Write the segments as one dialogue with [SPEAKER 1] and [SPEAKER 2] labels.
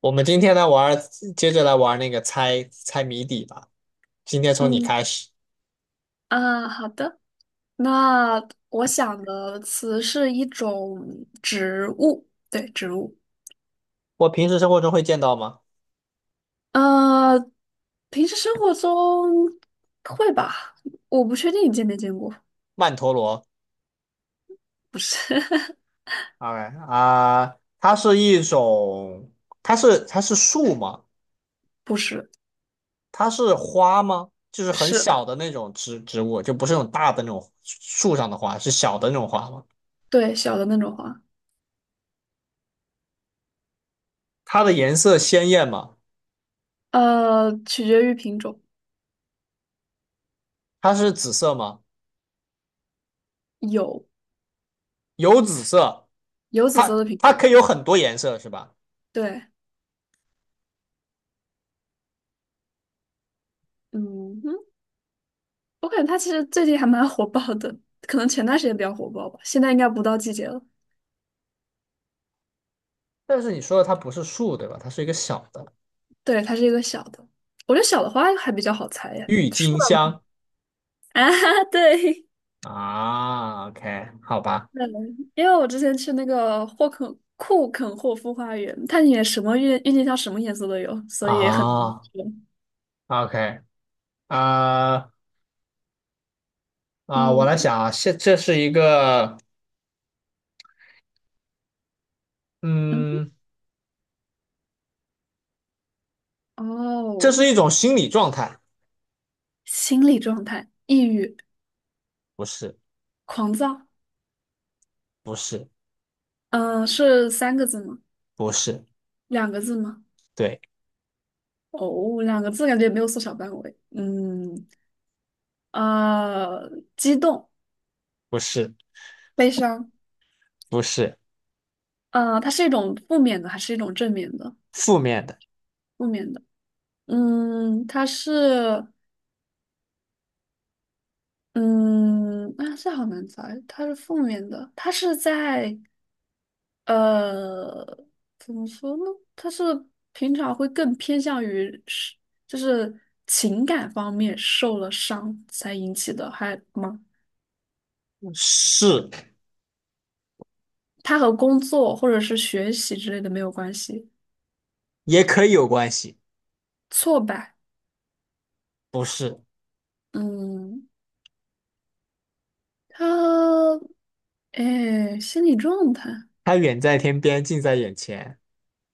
[SPEAKER 1] 我们今天来玩儿，接着来玩儿那个猜猜谜底吧。今天从你
[SPEAKER 2] 嗯
[SPEAKER 1] 开始。
[SPEAKER 2] 啊，好的。那我想的词是一种植物，对，植物。
[SPEAKER 1] 我平时生活中会见到吗？
[SPEAKER 2] 呃，平时生活中会吧？我不确定你见没见过，
[SPEAKER 1] 曼陀罗。
[SPEAKER 2] 不是，
[SPEAKER 1] o 啊，它是一种，它是树吗？
[SPEAKER 2] 不是，
[SPEAKER 1] 它是花吗？就是很
[SPEAKER 2] 是，
[SPEAKER 1] 小的那种植物，就不是那种大的那种树上的花，是小的那种花吗？
[SPEAKER 2] 对，小的那种花。
[SPEAKER 1] 它的颜色鲜艳吗？
[SPEAKER 2] 取决于品种，
[SPEAKER 1] 它是紫色吗？
[SPEAKER 2] 有
[SPEAKER 1] 有紫色，
[SPEAKER 2] 有紫色
[SPEAKER 1] 它
[SPEAKER 2] 的品
[SPEAKER 1] 它
[SPEAKER 2] 种，
[SPEAKER 1] 可以有很多颜色是吧？
[SPEAKER 2] 对，嗯哼，我感觉它其实最近还蛮火爆的，可能前段时间比较火爆吧，现在应该不到季节了。
[SPEAKER 1] 但是你说的它不是树对吧？它是一个小的
[SPEAKER 2] 对，它是一个小的，我觉得小的花还比较好猜呀。
[SPEAKER 1] 郁
[SPEAKER 2] 树
[SPEAKER 1] 金
[SPEAKER 2] 的吗？
[SPEAKER 1] 香。
[SPEAKER 2] 啊，对，
[SPEAKER 1] 啊，OK,好吧，
[SPEAKER 2] 嗯，因为我之前去那个库肯霍夫花园，它里面什么郁金香什么颜色都有，所以很难
[SPEAKER 1] 啊
[SPEAKER 2] 说。
[SPEAKER 1] ，OK,啊啊，我
[SPEAKER 2] 嗯
[SPEAKER 1] 来想啊，现这是一个，
[SPEAKER 2] 嗯，
[SPEAKER 1] 嗯，这是
[SPEAKER 2] 哦，
[SPEAKER 1] 一种心理状态，
[SPEAKER 2] 心理状态，抑郁、
[SPEAKER 1] 不是，
[SPEAKER 2] 狂躁，
[SPEAKER 1] 不是，
[SPEAKER 2] 嗯、是三个字吗？
[SPEAKER 1] 不是，
[SPEAKER 2] 两个字吗？
[SPEAKER 1] 对，
[SPEAKER 2] 哦，两个字感觉也没有缩小范围。嗯，呃，激动、
[SPEAKER 1] 不是，
[SPEAKER 2] 悲伤，
[SPEAKER 1] 不是，
[SPEAKER 2] 呃，它是一种负面的还是一种正面的？
[SPEAKER 1] 负面的，
[SPEAKER 2] 负面的，嗯，它是，嗯，啊，这好难猜，它是负面的，它是在，呃，怎么说呢？它是平常会更偏向于是，就是情感方面受了伤才引起的还吗？
[SPEAKER 1] 是，
[SPEAKER 2] 它和工作或者是学习之类的没有关系。
[SPEAKER 1] 也可以有关系，
[SPEAKER 2] 挫败，
[SPEAKER 1] 不是，
[SPEAKER 2] 嗯，它，哎，心理状态，
[SPEAKER 1] 它远在天边，近在眼前，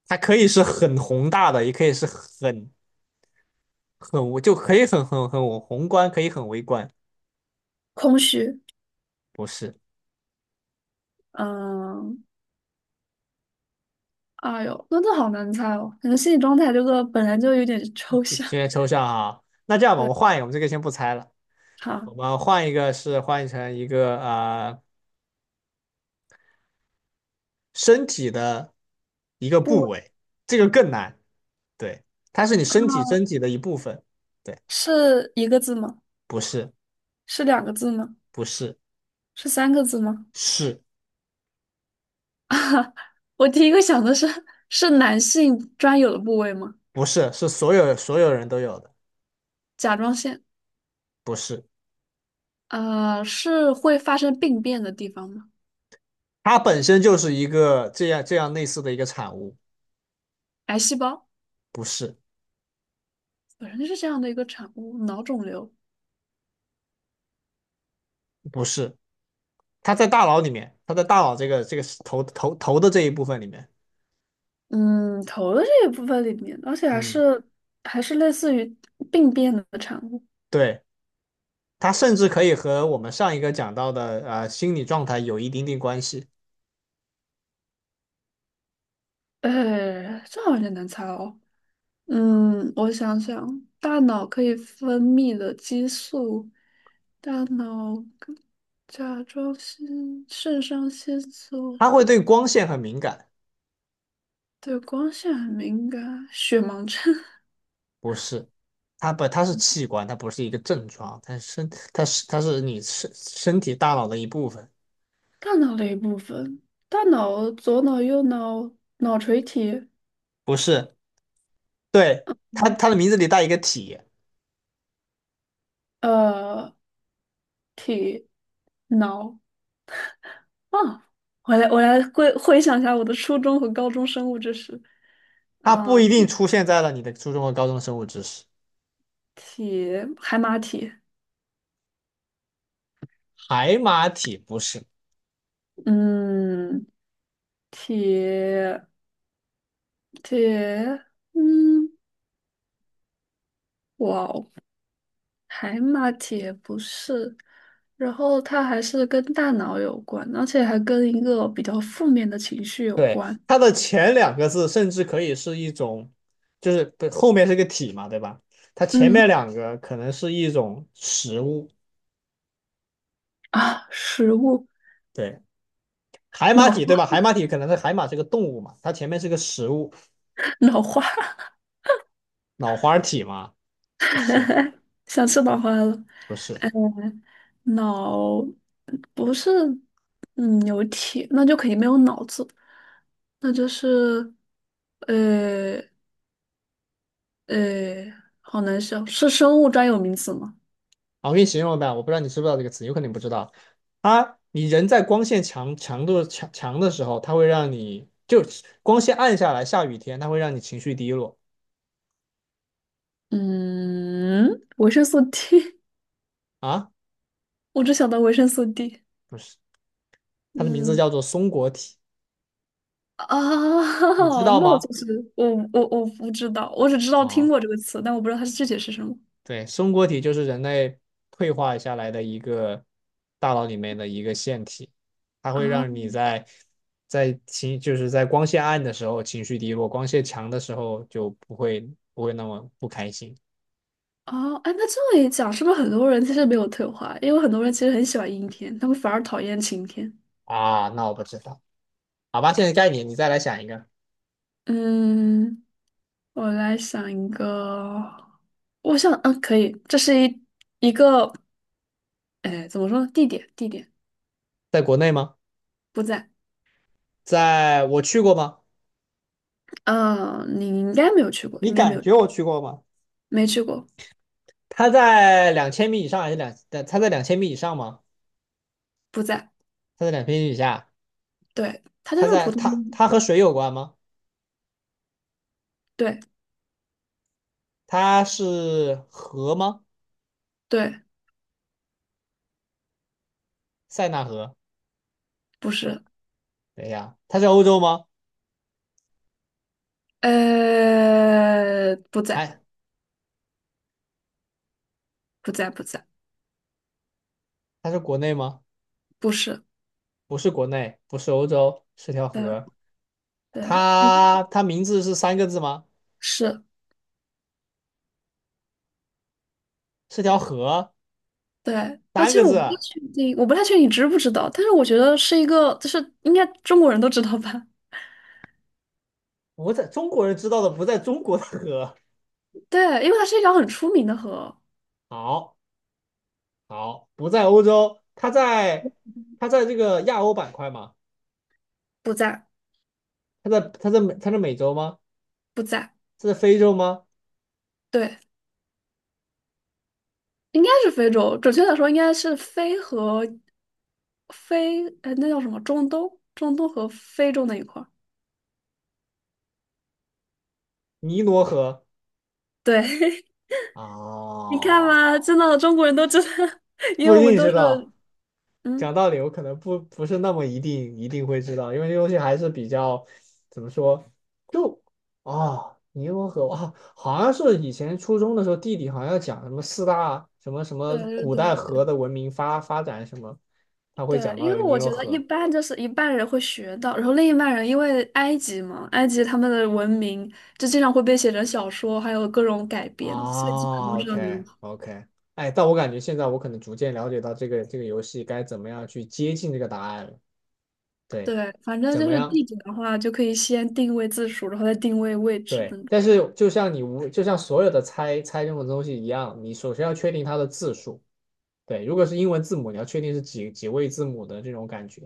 [SPEAKER 1] 它可以是很宏大的，也可以是很很，我就可以很宏观，可以很微观，
[SPEAKER 2] 空虚，
[SPEAKER 1] 不是。
[SPEAKER 2] 嗯。哎呦，那这好难猜哦，感觉心理状态这个本来就有点
[SPEAKER 1] 有
[SPEAKER 2] 抽象。
[SPEAKER 1] 点抽象啊。那这样吧，我
[SPEAKER 2] 对，
[SPEAKER 1] 们换一个，我们这个先不猜了，
[SPEAKER 2] 好，
[SPEAKER 1] 我们换一个是换成一个身体的一个部
[SPEAKER 2] 不，
[SPEAKER 1] 位，这个更难。对，它是你身体
[SPEAKER 2] 啊，
[SPEAKER 1] 身体的一部分。对，
[SPEAKER 2] 是一个字吗？
[SPEAKER 1] 不是，
[SPEAKER 2] 是两个字吗？
[SPEAKER 1] 不是，
[SPEAKER 2] 是三个字吗？
[SPEAKER 1] 是，
[SPEAKER 2] 我第一个想的是，是男性专有的部位吗？
[SPEAKER 1] 不是，是所有人都有的，
[SPEAKER 2] 甲状腺，
[SPEAKER 1] 不是。
[SPEAKER 2] 啊，是会发生病变的地方吗？
[SPEAKER 1] 它本身就是一个这样类似的一个产物，
[SPEAKER 2] 癌细胞
[SPEAKER 1] 不是，
[SPEAKER 2] 本身就是这样的一个产物，脑肿瘤，
[SPEAKER 1] 不是。它在大脑里面，它在大脑这个这个头的这一部分里面。
[SPEAKER 2] 嗯，头的这一部分里面，而且还
[SPEAKER 1] 嗯，
[SPEAKER 2] 是类似于病变的产物，
[SPEAKER 1] 对。它甚至可以和我们上一个讲到的心理状态有一点点关系。
[SPEAKER 2] 呃，这好像有点难猜哦。嗯，我想想，大脑可以分泌的激素，大脑跟甲状腺、肾上腺素
[SPEAKER 1] 它会对光线很敏感，
[SPEAKER 2] 对光线很敏感，血盲症，
[SPEAKER 1] 不是？它不，它是器官，它不是一个症状，它是身，它是你身体大脑的一部分，
[SPEAKER 2] 大脑的一部分，大脑、左脑、右脑、脑垂体，
[SPEAKER 1] 不是？对，它
[SPEAKER 2] 嗯
[SPEAKER 1] 它的名字里带一个体，
[SPEAKER 2] 呃，体脑啊，我来回想一下我的初中和高中生物知识，
[SPEAKER 1] 它不
[SPEAKER 2] 啊、
[SPEAKER 1] 一定出现在了你的初中和高中生物知识。
[SPEAKER 2] 体海马体。
[SPEAKER 1] 海马体不是，
[SPEAKER 2] 嗯，体铁，嗯，哇哦，海马铁不是，然后它还是跟大脑有关，而且还跟一个比较负面的情绪有
[SPEAKER 1] 对，
[SPEAKER 2] 关。
[SPEAKER 1] 它的前两个字甚至可以是一种，就是不后面是个体嘛，对吧？它前
[SPEAKER 2] 嗯
[SPEAKER 1] 面两个可能是一种食物，
[SPEAKER 2] 啊，食物，
[SPEAKER 1] 对，海马
[SPEAKER 2] 脑花，
[SPEAKER 1] 体，对吧？海马体可能是海马是个动物嘛，它前面是个食物，
[SPEAKER 2] 脑花，
[SPEAKER 1] 脑花体嘛，不是，
[SPEAKER 2] 想吃脑花了。
[SPEAKER 1] 不是。
[SPEAKER 2] 脑不是，嗯，有铁，那就肯定没有脑子，那就是，呃呃，好难想，是生物专有名词吗？
[SPEAKER 1] 啊我给你形容吧，我不知道你知不知道这个词，有可能你不知道。它，你人在光线强度强的时候，它会让你就光线暗下来，下雨天，它会让你情绪低落
[SPEAKER 2] 嗯，维生素 T
[SPEAKER 1] 啊，
[SPEAKER 2] 我只想到维生素 D。
[SPEAKER 1] 不是，它的名字
[SPEAKER 2] 嗯
[SPEAKER 1] 叫做松果体，
[SPEAKER 2] 啊，
[SPEAKER 1] 你知 道
[SPEAKER 2] 那我
[SPEAKER 1] 吗？
[SPEAKER 2] 就是我我我不知道，我只知道听
[SPEAKER 1] 哦，
[SPEAKER 2] 过这个词，但我不知道它是具体是什么。
[SPEAKER 1] 对，松果体就是人类退化下来的一个大脑里面的一个腺体，它会
[SPEAKER 2] 啊
[SPEAKER 1] 让你在在情就是在光线暗的时候情绪低落，光线强的时候就不会不会那么不开心
[SPEAKER 2] 啊，哎，那这么一讲，是不是很多人其实没有退化？因为很多人其实很喜欢阴天，他们反而讨厌晴天。
[SPEAKER 1] 啊。那我不知道，好吧，现在该你，你再来想一个，
[SPEAKER 2] 嗯，我来想一个，我想，嗯，可以，这是一一个，哎，怎么说呢？地点，地点
[SPEAKER 1] 在国内吗？
[SPEAKER 2] 不在。
[SPEAKER 1] 在我去过吗？
[SPEAKER 2] 嗯，你应该没有去过，
[SPEAKER 1] 你
[SPEAKER 2] 应该没
[SPEAKER 1] 感
[SPEAKER 2] 有，
[SPEAKER 1] 觉我去过吗？
[SPEAKER 2] 没去过，
[SPEAKER 1] 它在两千米以上还是两？它在两千米以上吗？
[SPEAKER 2] 不在。
[SPEAKER 1] 它在两千米以下？
[SPEAKER 2] 对，它就
[SPEAKER 1] 它
[SPEAKER 2] 是
[SPEAKER 1] 在
[SPEAKER 2] 普通的，
[SPEAKER 1] 它和水有关吗？
[SPEAKER 2] 对，
[SPEAKER 1] 它是河吗？
[SPEAKER 2] 对，
[SPEAKER 1] 塞纳河？
[SPEAKER 2] 不是，
[SPEAKER 1] 等一下，它是欧洲吗？
[SPEAKER 2] 呃，不在，
[SPEAKER 1] 哎，
[SPEAKER 2] 不在，不在，
[SPEAKER 1] 它是国内吗？
[SPEAKER 2] 不是，
[SPEAKER 1] 不是国内，不是欧洲，是条
[SPEAKER 2] 对，
[SPEAKER 1] 河。
[SPEAKER 2] 对，嗯
[SPEAKER 1] 它名字是三个字吗？
[SPEAKER 2] 是，
[SPEAKER 1] 是条河，
[SPEAKER 2] 对，啊，
[SPEAKER 1] 三
[SPEAKER 2] 其
[SPEAKER 1] 个
[SPEAKER 2] 实我
[SPEAKER 1] 字。
[SPEAKER 2] 不太确定，我不太确定你知不知道，但是我觉得是一个，就是应该中国人都知道吧？
[SPEAKER 1] 我在中国人知道的不在中国的河。
[SPEAKER 2] 对，因为它是一条很出名的河，
[SPEAKER 1] 好，好，不在欧洲，它在它在这个亚欧板块吗？
[SPEAKER 2] 不在，
[SPEAKER 1] 它在它在美它在美洲吗？
[SPEAKER 2] 不在，
[SPEAKER 1] 它在非洲吗？
[SPEAKER 2] 对，应该是非洲，准确的说应该是非和非，呃，那叫什么？中东，中东和非洲那一块儿。
[SPEAKER 1] 尼罗河。
[SPEAKER 2] 对，你看
[SPEAKER 1] 哦，
[SPEAKER 2] 嘛，真的中国人都知道，因
[SPEAKER 1] 不
[SPEAKER 2] 为
[SPEAKER 1] 一
[SPEAKER 2] 我们
[SPEAKER 1] 定
[SPEAKER 2] 都
[SPEAKER 1] 知
[SPEAKER 2] 是。
[SPEAKER 1] 道。
[SPEAKER 2] 嗯。
[SPEAKER 1] 讲道理，我可能不是那么一定会知道，因为这东西还是比较怎么说，就啊，尼罗河啊，好像是以前初中的时候，地理好像讲什么四大什么什么
[SPEAKER 2] 对
[SPEAKER 1] 古代
[SPEAKER 2] 对对
[SPEAKER 1] 河的文明发展什么，他会
[SPEAKER 2] 对，
[SPEAKER 1] 讲
[SPEAKER 2] 因
[SPEAKER 1] 到有
[SPEAKER 2] 为
[SPEAKER 1] 尼
[SPEAKER 2] 我
[SPEAKER 1] 罗
[SPEAKER 2] 觉得一
[SPEAKER 1] 河
[SPEAKER 2] 般就是一半人会学到，然后另一半人因为埃及嘛，埃及他们的文明就经常会被写成小说，还有各种改编，所以基本
[SPEAKER 1] 啊
[SPEAKER 2] 都知道你。
[SPEAKER 1] ，OK OK,哎，但我感觉现在我可能逐渐了解到这个这个游戏该怎么样去接近这个答案了，对，
[SPEAKER 2] 对，反正
[SPEAKER 1] 怎
[SPEAKER 2] 就
[SPEAKER 1] 么
[SPEAKER 2] 是
[SPEAKER 1] 样？
[SPEAKER 2] 地址的话，就可以先定位字数，然后再定位位置
[SPEAKER 1] 对，
[SPEAKER 2] 那种。
[SPEAKER 1] 但是就像你无，就像所有的猜猜任何东西一样，你首先要确定它的字数。对，如果是英文字母，你要确定是几位字母的这种感觉，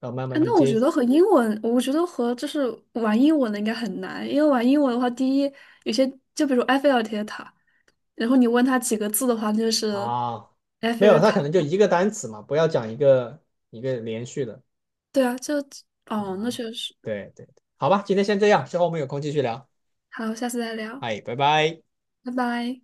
[SPEAKER 1] 要慢慢
[SPEAKER 2] 哎，
[SPEAKER 1] 去
[SPEAKER 2] 那我
[SPEAKER 1] 接
[SPEAKER 2] 觉得和英文，我觉得和就是玩英文的应该很难，因为玩英文的话，有些就比如埃菲尔铁塔，然后你问他几个字的话，就是
[SPEAKER 1] 啊。
[SPEAKER 2] 埃
[SPEAKER 1] 没
[SPEAKER 2] 菲
[SPEAKER 1] 有，
[SPEAKER 2] 尔
[SPEAKER 1] 它可
[SPEAKER 2] 塔。
[SPEAKER 1] 能就一个单词嘛，不要讲一个连续的。
[SPEAKER 2] 对啊，就哦，那确实。
[SPEAKER 1] 对对，好吧，今天先这样，之后我们有空继续聊。
[SPEAKER 2] 好，下次再聊，
[SPEAKER 1] 哎，拜拜。
[SPEAKER 2] 拜拜。